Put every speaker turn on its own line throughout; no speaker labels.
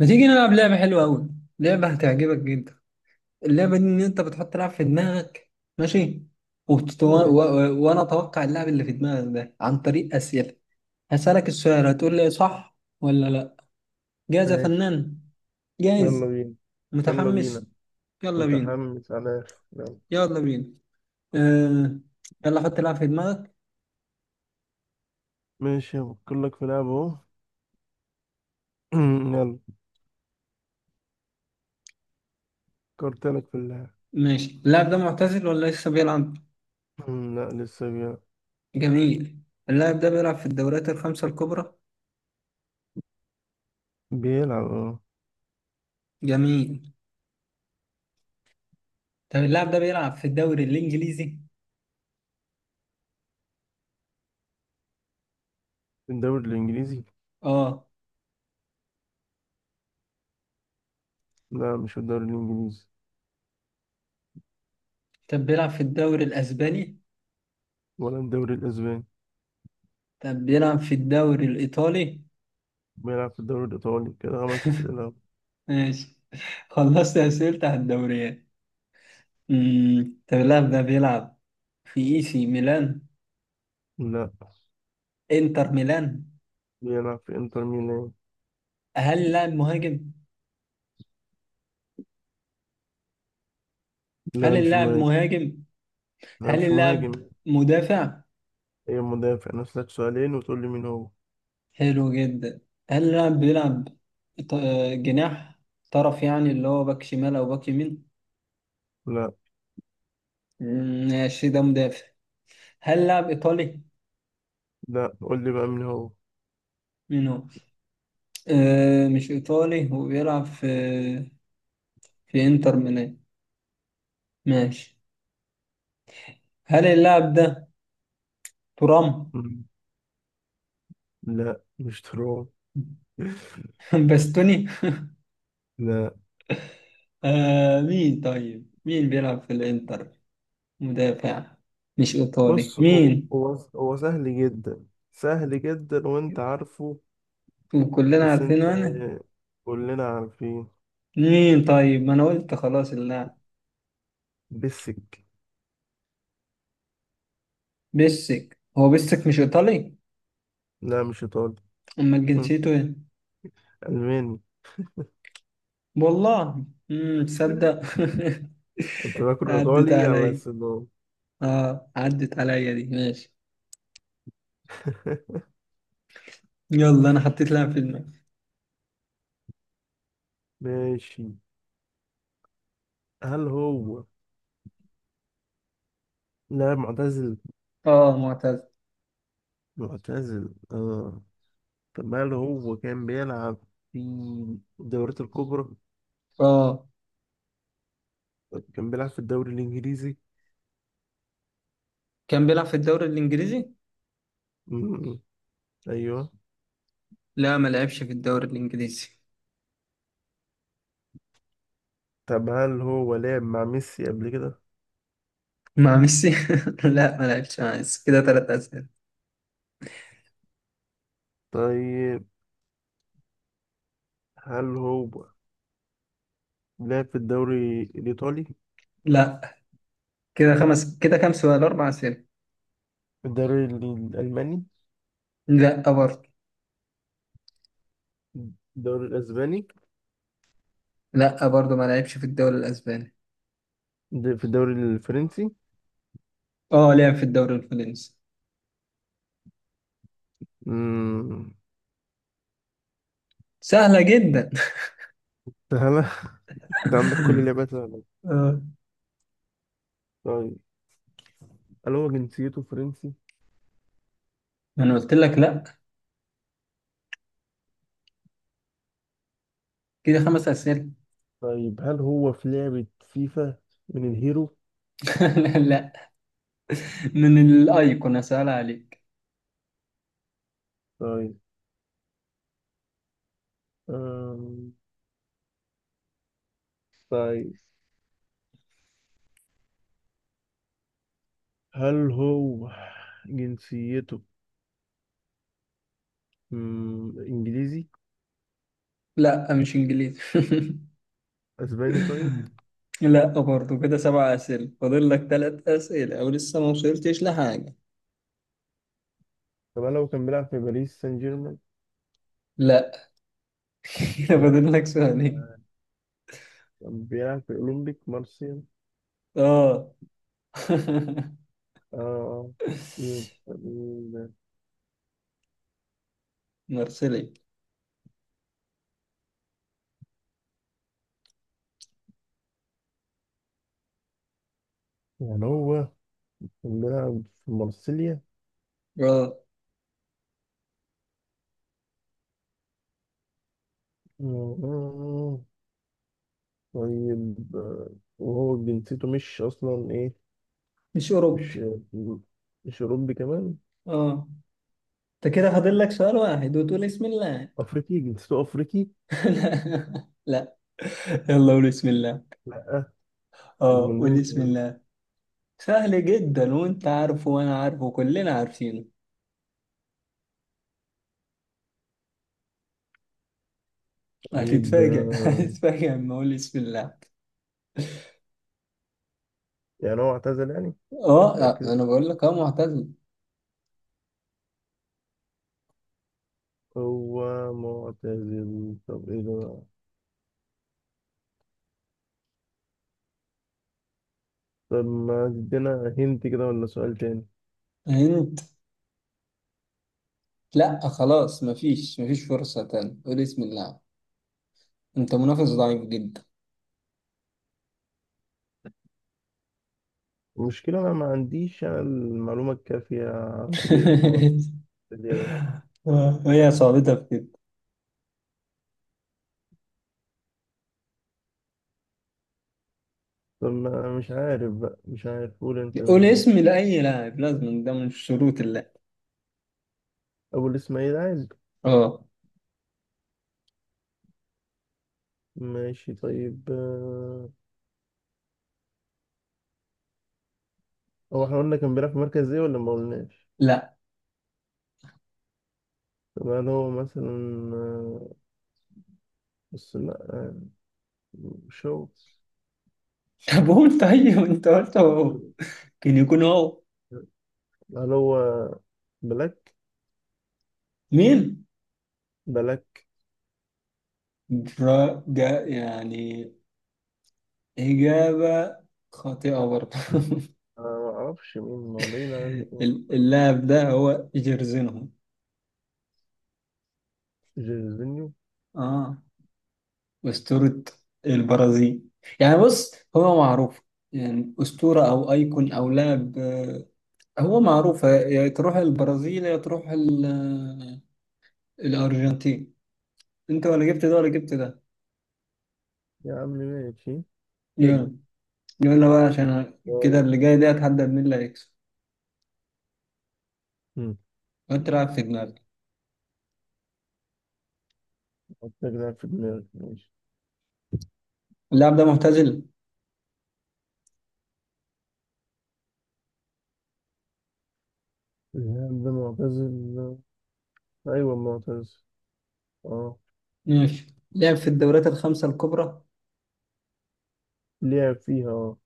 ما تيجي نلعب لعبة حلوة أوي. لعبة هتعجبك جدا. اللعبة دي إن أنت بتحط لعب في دماغك. ماشي.
ماشي.
وأنا أتوقع اللعب اللي في دماغك ده عن طريق أسئلة. هسألك السؤال، هتقول لي صح ولا لأ. جاهز يا
ماشي.
فنان؟
يلا
جاهز.
بينا. يلا بينا.
متحمس. يلا بينا.
متحمس على الآخر. يلا.
يلا بينا. آه... يلا حط لعب في دماغك.
ماشي، هفكر لك في لعبة اهو. يلا. فكرت لك في اللعبة.
ماشي. اللاعب ده معتزل ولا لسه بيلعب؟
لا، لسه
جميل. اللاعب ده بيلعب في الدوريات الخمسة الكبرى.
بيلعب اه.
جميل. طب اللاعب ده بيلعب في الدوري الإنجليزي؟
في الدوري الإنجليزي؟
اه.
لا، مش في الدوري الإنجليزي.
طب بيلعب في الدوري الأسباني؟
ولا الدوري الأسباني.
طب بيلعب في الدوري الإيطالي؟
بيلعب في الدوري الإيطالي. كده خمس أسئلة.
ماشي. خلصت أسئلة على الدوريات. طب اللاعب ده بيلعب في إي سي ميلان؟
لا.
إنتر ميلان؟
بيلعب في إنتر ميلان.
هل اللاعب مهاجم؟ هل
لا، مش
اللاعب
مهاجم.
مهاجم؟
لا،
هل
مش
اللاعب
مهاجم.
مدافع؟
هي مدافع نفسك سؤالين وتقول لي مين هو.
حلو جدا. هل اللاعب بيلعب ط- جناح طرف، يعني اللي هو باك شمال أو باك يمين؟
لا.
ماشي ده مدافع. هل اللاعب إيطالي؟
لا، قول لي بقى مين هو.
مين هو؟ آه، مش إيطالي وبيلعب في إنتر ميلان. ماشي. هل اللاعب ده ترام؟
مم. لا، مش تراب.
باستوني؟
لا.
آه مين؟ طيب مين بيلعب في الإنتر؟ مدافع، مش إيطالي.
بص، هو
مين؟
هو هو سهل جدا. سهل جدا وانت عارفه.
وكلنا
بس انت،
عارفينه، أنا.
كلنا عارفين.
مين طيب؟ ما أنا قلت خلاص اللاعب
بسك.
بيسك. هو بيسك، مش إيطالي؟
لا، مش ايطالي.
أمال جنسيته إيه؟
الماني.
والله. تصدق
كنت باكل
عدت
ايطالي على
علي.
السنون.
اه، عدت عليا دي. ماشي. يلا، انا حطيت لاعب في دماغي.
ماشي. هل هو، لا معتزل.
اه،
معتزل اه. طب هل هو كان بيلعب في الدوريات الكبرى؟
اه،
طب كان بيلعب في الدوري الانجليزي؟
كان بيلعب في الدوري الانجليزي.
م- م. ايوه.
لا، ما لعبش في الدوري الانجليزي.
طب هل هو لعب مع ميسي قبل كده؟
مع ميسي؟ لا، ما لعبش مع ميسي. كده 3 اسئله.
طيب هل هو لعب في الدوري الإيطالي؟
لا. كده كام سؤال؟ 4 اسئله.
الدوري الألماني؟
لا برضه.
الدوري الأسباني؟
لا برضه، ما لعبش في الدوري الاسباني.
في الدوري الفرنسي.
اه، لعب في الدوري الفرنسي.
امم.
سهله جدا.
سهلة. انت عندك كل لعبة سهلة.
اه.
طيب، هل هو جنسيته فرنسي؟
انا قلت لك لا. كده 5 اسئله.
طيب هل هو في لعبة فيفا من الهيرو؟
لا، لا، من الايقونه. سهله عليك.
طيب. أم... طيب. هل هو جنسيته إنجليزي؟
لا، مش انجليزي.
أسباني طيب.
لا برضه. كده 7 أسئلة، فاضل لك 3 أسئلة أو لسه ما وصلتش لحاجة.
طب هل هو كان بيلعب في باريس سان جيرمان؟
لا. كده
لا،
فاضل لك سؤالين.
كان بيلعب في أولمبيك مارسيل.
اه.
آه يبقى مين؟
مرسلي.
يعني هو كان بيلعب في مارسيليا.
اه،
آه، طيب. وهو جنسيته مش أصلا إيه؟
مش
مش
أوروبي.
مش أوروبي كمان.
اه، انت كده فاضل لك سؤال واحد وتقول اسم الله.
أفريقي، جنسيته أفريقي.
لا. لا، يلا قول بسم الله.
لأ.
اه،
أمال مين
قول بسم
طيب.
الله. سهل جدا وانت عارفه وانا عارفه، كلنا عارفينه.
طيب،
هتتفاجئ هتتفاجئ لما اقول بسم الله.
يعني هو اعتزل يعني.
اه، آه،
فاكر
انا بقول لك اه معتزل.
هو معتزل. طب إيه ده. طب ما تدينا هنت كده ولا سؤال تاني.
انت، لا خلاص، مفيش فرصة تاني، قول اسم اللاعب. انت منافس ضعيف جدا.
المشكلة أنا ما عنديش أنا المعلومة الكافية عن فريق مارسيليا ده.
هي صعوبتها في كده.
طب مش عارف بقى مش عارف. قول أنت
قول
مين هو.
اسم لأي لاعب، لازم ده من شروط اللعب.
أبو الإسماعيلي عادي.
اه.
ماشي، طيب. هو إحنا قلنا كان بيلعب في مركز إيه ولا ما قلناش؟
لا.
طب هل هو مثلا آه، بس لأ. مش هو.
طب قول، طيب انت قلت هو كان يكون هو.
هل هو بلاك؟
مين؟
بلاك.
برا جا يعني. إجابة خاطئة برضه.
أنا ما أعرفش مين، ما بعيد عن
اللاعب ده هو جيرزينهو.
جيرزينيو.
اه، أسطورة البرازيل. يعني بص، هو معروف، يعني أسطورة أو أيكون أو لاعب. هو معروف، يا تروح البرازيل يا تروح الأرجنتين. أنت ولا جبت ده ولا جبت ده.
يا عم ماشي. حلو.
يلا. يلا بقى، عشان كده
طيب.
اللي جاي ده هتحدد مين اللي هيكسب. وأنت لاعب في
مم.
دماغك.
حط لك لاعب في دماغك ماشي.
اللاعب ده معتزل.
الهام ده معتزل. أيوة معتزل اه.
ماشي، لعب في الدوريات الخمسة الكبرى.
لعب فيها اه.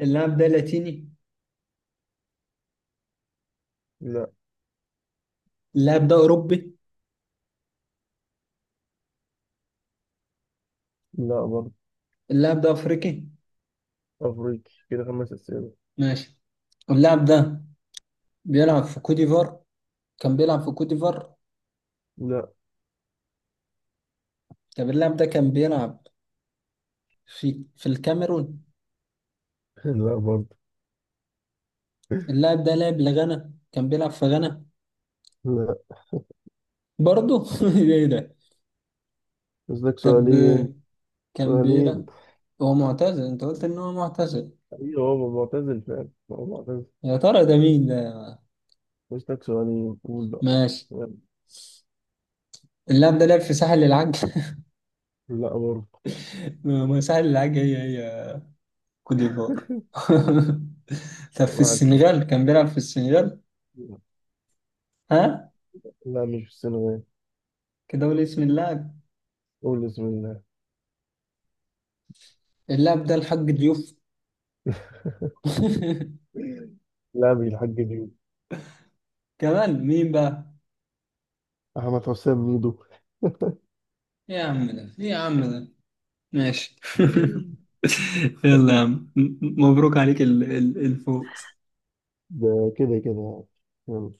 اللاعب ده لاتيني.
لا.
اللاعب ده أوروبي.
لا برضه.
اللاعب ده أفريقي.
أفريقي كده خمس أسئلة.
ماشي. اللاعب ده بيلعب في كوت ديفوار؟ كان بيلعب في كوت ديفوار.
لا.
طب اللاعب ده كان بيلعب في في الكاميرون.
لا برضه.
اللاعب ده لاعب لغانا؟ كان بيلعب في غانا؟
لا.
برضه ايه ده.
بس لك
طب
سؤالين.
كان
سؤالين.
بيلعب هو معتزل، انت قلت ان هو معتزل.
أيوة هو معتزل فعلا، هو معتزل.
يا ترى ده مين ده؟
بس لك سؤالين، قول بقى.
ماشي.
يلا.
اللاعب ده لعب في ساحل العاج.
لا برضه.
ما ساحل العاج هي كوت ديفوار. طب في
طبعا الفل.
السنغال، كان بيلعب في السنغال؟ ها.
لا، مش في السنغال.
كده قول اسم اللاعب.
قول بسم الله.
اللاعب ده الحاج ضيوف.
لا، مش الحاج ميدو.
كمان مين بقى؟
أحمد حسام ميدو.
إيه يا عم ده، ايه يا عم ده. ماشي. يلا يا عم، مبروك عليك الفوز.
ده كده كده يعني.